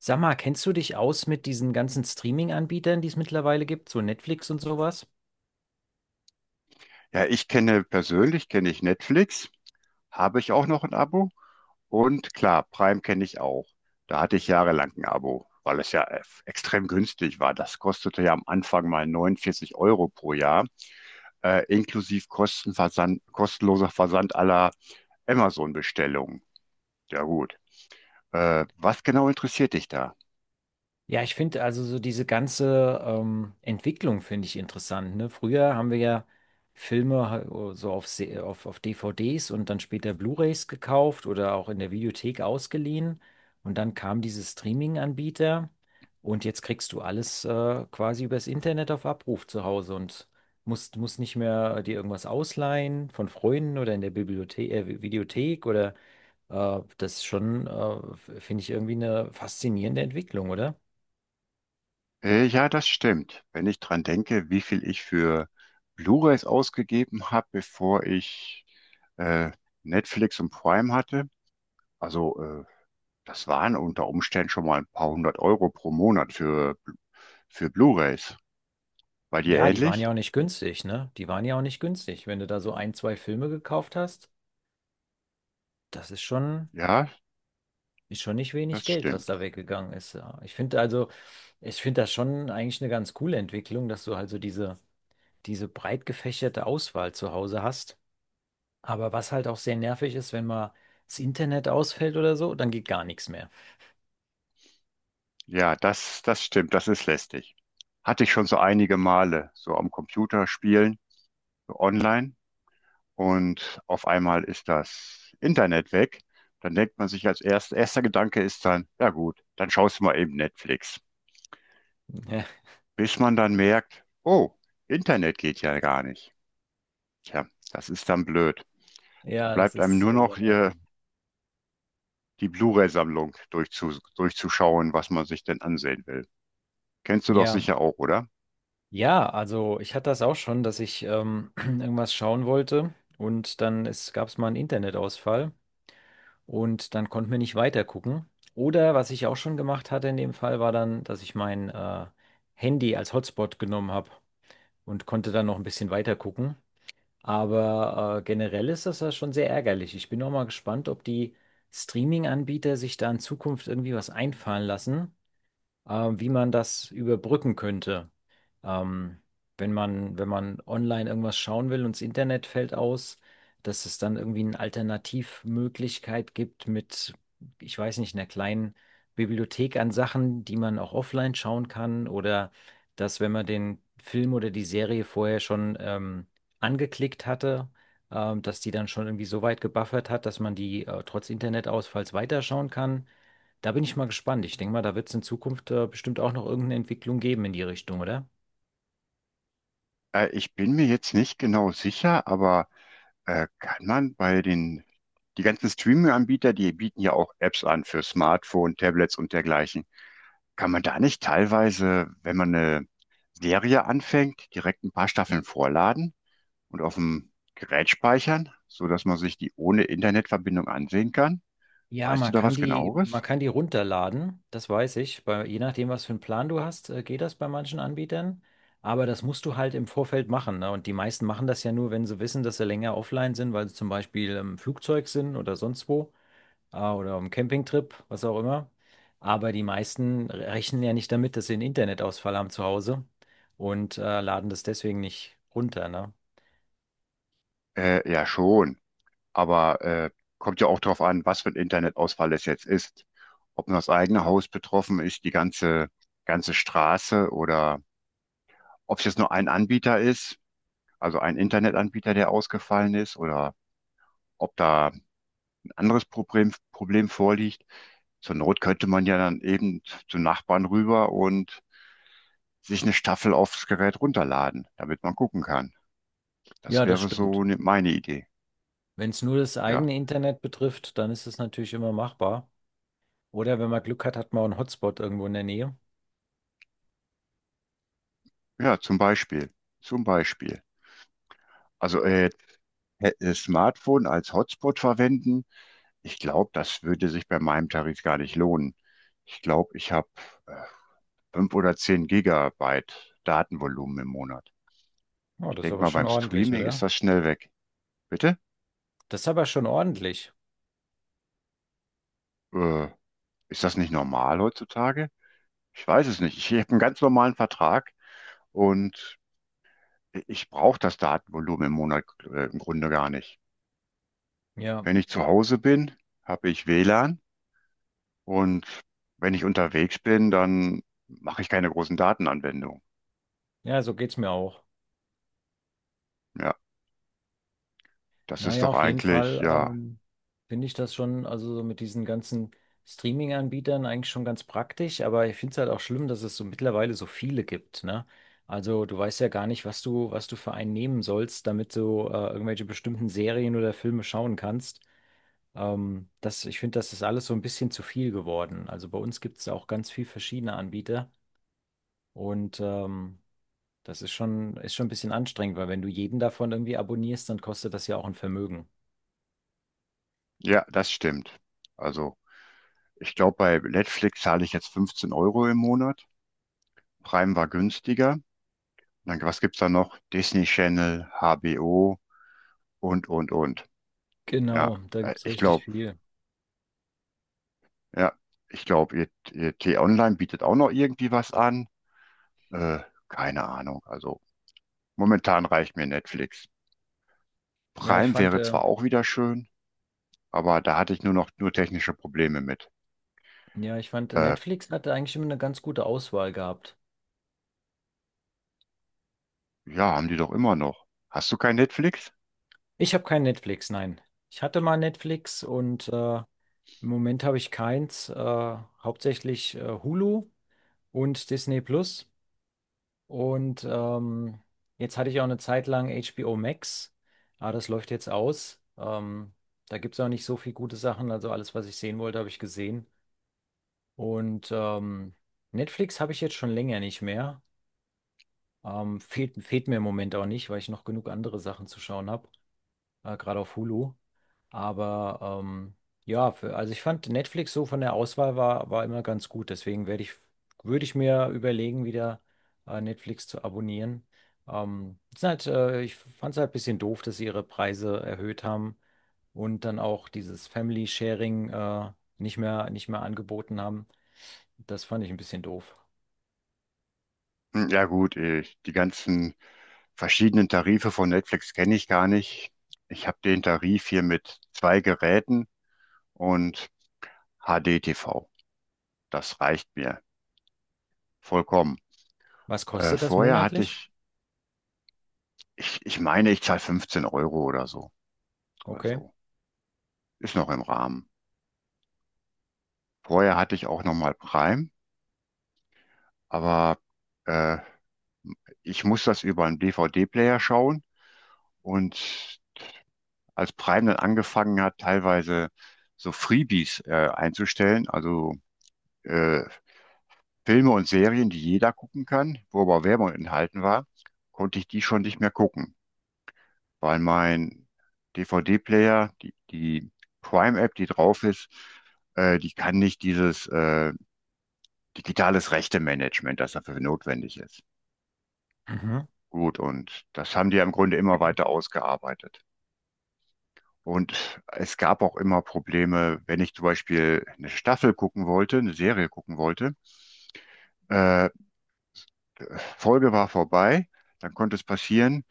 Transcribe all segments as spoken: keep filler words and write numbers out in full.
Sag mal, kennst du dich aus mit diesen ganzen Streaming-Anbietern, die es mittlerweile gibt, so Netflix und sowas? Ja, ich kenne persönlich, kenne ich Netflix, habe ich auch noch ein Abo. Und klar, Prime kenne ich auch. Da hatte ich jahrelang ein Abo, weil es ja äh, extrem günstig war. Das kostete ja am Anfang mal neunundvierzig Euro pro Jahr, äh, inklusive Kostenversand, kostenloser Versand aller Amazon-Bestellungen. Ja gut. Äh, was genau interessiert dich da? Ja, ich finde also so diese ganze ähm, Entwicklung finde ich interessant, ne? Früher haben wir ja Filme ha- so auf, Se- auf, auf D V Ds und dann später Blu-rays gekauft oder auch in der Videothek ausgeliehen. Und dann kam diese Streaming-Anbieter und jetzt kriegst du alles äh, quasi übers Internet auf Abruf zu Hause und musst, musst nicht mehr dir irgendwas ausleihen von Freunden oder in der Bibliothek, äh, Videothek oder äh, das ist schon, äh, f- finde ich irgendwie eine faszinierende Entwicklung, oder? Äh, ja, das stimmt. Wenn ich dran denke, wie viel ich für Blu-rays ausgegeben habe, bevor ich äh, Netflix und Prime hatte, also äh, das waren unter Umständen schon mal ein paar hundert Euro pro Monat für, für Blu-rays. Bei dir Ja, die waren ähnlich? ja auch nicht günstig, ne? Die waren ja auch nicht günstig. Wenn du da so ein, zwei Filme gekauft hast, das ist schon, Ja, ist schon nicht wenig das Geld, was stimmt. da weggegangen ist. Ja. Ich finde also, ich finde das schon eigentlich eine ganz coole Entwicklung, dass du halt so diese, diese breit gefächerte Auswahl zu Hause hast. Aber was halt auch sehr nervig ist, wenn mal das Internet ausfällt oder so, dann geht gar nichts mehr. Ja, das, das stimmt. Das ist lästig. Hatte ich schon so einige Male, so am Computer spielen, so online. Und auf einmal ist das Internet weg. Dann denkt man sich als erst, erster Gedanke ist dann, ja gut, dann schaust du mal eben Netflix. Bis man dann merkt, oh, Internet geht ja gar nicht. Tja, das ist dann blöd. Dann Ja, das bleibt einem ist nur sehr, noch sehr hier nervig. die Blu-ray-Sammlung durchzu, durchzuschauen, was man sich denn ansehen will. Kennst du doch Ja, sicher auch, oder? ja, also ich hatte das auch schon, dass ich ähm, irgendwas schauen wollte und dann es gab es mal einen Internetausfall und dann konnten wir nicht weitergucken. Oder was ich auch schon gemacht hatte in dem Fall, war dann, dass ich mein äh, Handy als Hotspot genommen habe und konnte dann noch ein bisschen weitergucken. Aber äh, generell ist das ja schon sehr ärgerlich. Ich bin auch mal gespannt, ob die Streaming-Anbieter sich da in Zukunft irgendwie was einfallen lassen, äh, wie man das überbrücken könnte. Ähm, wenn man, wenn man online irgendwas schauen will und das Internet fällt aus, dass es dann irgendwie eine Alternativmöglichkeit gibt mit, ich weiß nicht, einer kleinen Bibliothek an Sachen, die man auch offline schauen kann oder dass, wenn man den Film oder die Serie vorher schon ähm, angeklickt hatte, ähm, dass die dann schon irgendwie so weit gebuffert hat, dass man die äh, trotz Internetausfalls weiterschauen kann. Da bin ich mal gespannt. Ich denke mal, da wird es in Zukunft äh, bestimmt auch noch irgendeine Entwicklung geben in die Richtung, oder? Äh, ich bin mir jetzt nicht genau sicher, aber Äh, kann man bei den, die ganzen Streaming-Anbieter, die bieten ja auch Apps an für Smartphone, Tablets und dergleichen. Kann man da nicht teilweise, wenn man eine Serie anfängt, direkt ein paar Staffeln vorladen und auf dem Gerät speichern, sodass man sich die ohne Internetverbindung ansehen kann? Ja, Weißt du man da kann was die, man genaueres? kann die runterladen, das weiß ich. Bei, je nachdem, was für einen Plan du hast, äh, geht das bei manchen Anbietern. Aber das musst du halt im Vorfeld machen, ne? Und die meisten machen das ja nur, wenn sie wissen, dass sie länger offline sind, weil sie zum Beispiel im Flugzeug sind oder sonst wo, äh, oder im Campingtrip, was auch immer. Aber die meisten rechnen ja nicht damit, dass sie einen Internetausfall haben zu Hause und äh, laden das deswegen nicht runter, ne? Äh, ja, schon. Aber äh, kommt ja auch darauf an, was für ein Internetausfall es jetzt ist. Ob nur das eigene Haus betroffen ist, die ganze, ganze Straße oder ob es jetzt nur ein Anbieter ist, also ein Internetanbieter, der ausgefallen ist, oder ob da ein anderes Problem, Problem vorliegt. Zur Not könnte man ja dann eben zum Nachbarn rüber und sich eine Staffel aufs Gerät runterladen, damit man gucken kann. Das Ja, das wäre stimmt. so ne- meine Idee. Wenn es nur das Ja, eigene Internet betrifft, dann ist es natürlich immer machbar. Oder wenn man Glück hat, hat man auch einen Hotspot irgendwo in der Nähe. ja, zum Beispiel, zum Beispiel. Also äh, hä- äh, Smartphone als Hotspot verwenden, ich glaube, das würde sich bei meinem Tarif gar nicht lohnen. Ich glaube, ich habe fünf oder zehn Gigabyte Datenvolumen im Monat. Oh, Ich das ist denke aber mal, schon beim ordentlich, Streaming ist oder? das schnell weg. Bitte? Das ist aber schon ordentlich. Äh, Ist das nicht normal heutzutage? Ich weiß es nicht. Ich habe einen ganz normalen Vertrag und ich brauche das Datenvolumen im Monat äh, im Grunde gar nicht. Ja, Wenn ich zu Hause bin, habe ich W L A N und wenn ich unterwegs bin, dann mache ich keine großen Datenanwendungen. ja, so geht's mir auch. Ja, das ist Naja, doch auf jeden eigentlich, Fall ja, ähm, finde ich das schon, also so mit diesen ganzen Streaming-Anbietern eigentlich schon ganz praktisch, aber ich finde es halt auch schlimm, dass es so mittlerweile so viele gibt, ne? Also du weißt ja gar nicht, was du, was du für einen nehmen sollst, damit du äh, irgendwelche bestimmten Serien oder Filme schauen kannst. Ähm, das, ich finde, das ist alles so ein bisschen zu viel geworden. Also bei uns gibt es auch ganz viel verschiedene Anbieter und ähm, das ist schon, ist schon ein bisschen anstrengend, weil wenn du jeden davon irgendwie abonnierst, dann kostet das ja auch ein Vermögen. ja, das stimmt. Also ich glaube, bei Netflix zahle ich jetzt fünfzehn Euro im Monat. Prime war günstiger. Dann, was gibt's da noch? Disney Channel, H B O und, und, und. Ja, Genau, da äh, gibt es ich richtig glaube, viel. ja, ich glaube, ihr, ihr T-Online bietet auch noch irgendwie was an. Äh, keine Ahnung. Also momentan reicht mir Netflix. Ja, ich Prime fand, wäre äh, zwar auch wieder schön, aber da hatte ich nur noch nur technische Probleme mit. ja, ich fand, Äh, Netflix hatte eigentlich immer eine ganz gute Auswahl gehabt. ja, haben die doch immer noch. Hast du kein Netflix? Ich habe kein Netflix, nein. Ich hatte mal Netflix und äh, im Moment habe ich keins, äh, hauptsächlich äh, Hulu und Disney Plus. Und ähm, jetzt hatte ich auch eine Zeit lang H B O Max, aber das läuft jetzt aus. Ähm, da gibt es auch nicht so viel gute Sachen. Also alles, was ich sehen wollte, habe ich gesehen. Und ähm, Netflix habe ich jetzt schon länger nicht mehr. Ähm, fehlt, fehlt mir im Moment auch nicht, weil ich noch genug andere Sachen zu schauen habe, äh, gerade auf Hulu. Aber ähm, ja, für, also ich fand Netflix so von der Auswahl war, war immer ganz gut. Deswegen werde ich, würde ich mir überlegen, wieder äh, Netflix zu abonnieren. Ähm, es ist halt, äh, ich fand es halt ein bisschen doof, dass sie ihre Preise erhöht haben und dann auch dieses Family Sharing äh, nicht mehr, nicht mehr angeboten haben. Das fand ich ein bisschen doof. Hm, ja gut, ich, die ganzen verschiedenen Tarife von Netflix kenne ich gar nicht. Ich habe den Tarif hier mit zwei Geräten und H D-T V. Das reicht mir vollkommen. Was Äh, kostet das vorher hatte monatlich? ich, ich, ich meine, ich zahle fünfzehn Euro oder so. Okay. Also ist noch im Rahmen. Vorher hatte ich auch nochmal Prime, aber äh, ich muss das über einen D V D-Player schauen. Und als Prime dann angefangen hat, teilweise so Freebies äh, einzustellen, also äh, Filme und Serien, die jeder gucken kann, wo aber Werbung enthalten war, konnte ich die schon nicht mehr gucken, weil mein D V D-Player, die, die Prime-App, die drauf ist, äh, die kann nicht dieses äh, digitales Rechte-Management, das dafür notwendig ist. Mhm. Gut, und das haben die ja im Grunde immer weiter ausgearbeitet. Und es gab auch immer Probleme, wenn ich zum Beispiel eine Staffel gucken wollte, eine Serie gucken wollte, äh, Folge war vorbei, dann konnte es passieren,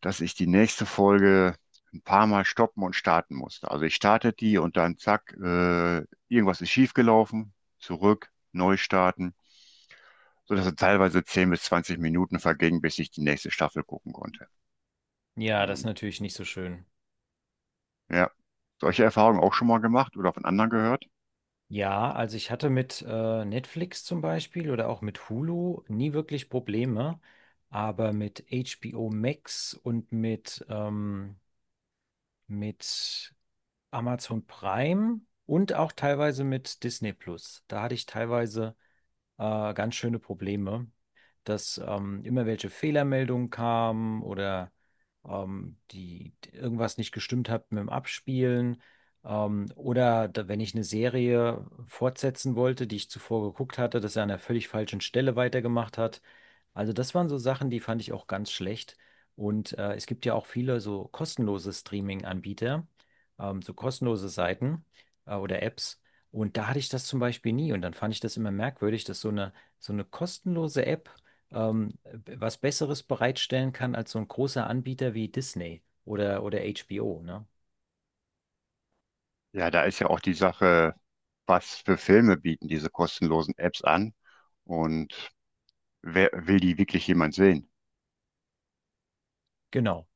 dass ich die nächste Folge ein paar Mal stoppen und starten musste. Also ich starte die und dann zack, äh, irgendwas ist schiefgelaufen, zurück, neu starten, sodass dann teilweise zehn bis zwanzig Minuten vergingen, bis ich die nächste Staffel gucken konnte. Ja, das ist Und natürlich nicht so schön. ja, solche Erfahrungen auch schon mal gemacht oder von anderen gehört? Ja, also ich hatte mit äh, Netflix zum Beispiel oder auch mit Hulu nie wirklich Probleme, aber mit H B O Max und mit, ähm, mit Amazon Prime und auch teilweise mit Disney Plus. Da hatte ich teilweise äh, ganz schöne Probleme, dass ähm, immer welche Fehlermeldungen kamen oder ähm, die die irgendwas nicht gestimmt hat mit dem Abspielen. Ähm, oder da, wenn ich eine Serie fortsetzen wollte, die ich zuvor geguckt hatte, dass er an einer völlig falschen Stelle weitergemacht hat. Also das waren so Sachen, die fand ich auch ganz schlecht. Und äh, es gibt ja auch viele so kostenlose Streaming-Anbieter, ähm, so kostenlose Seiten äh, oder Apps. Und da hatte ich das zum Beispiel nie. Und dann fand ich das immer merkwürdig, dass so eine, so eine kostenlose App ähm, was Besseres bereitstellen kann als so ein großer Anbieter wie Disney oder, oder H B O, ne? Ja, da ist ja auch die Sache, was für Filme bieten diese kostenlosen Apps an und wer will die wirklich jemand sehen? Genau.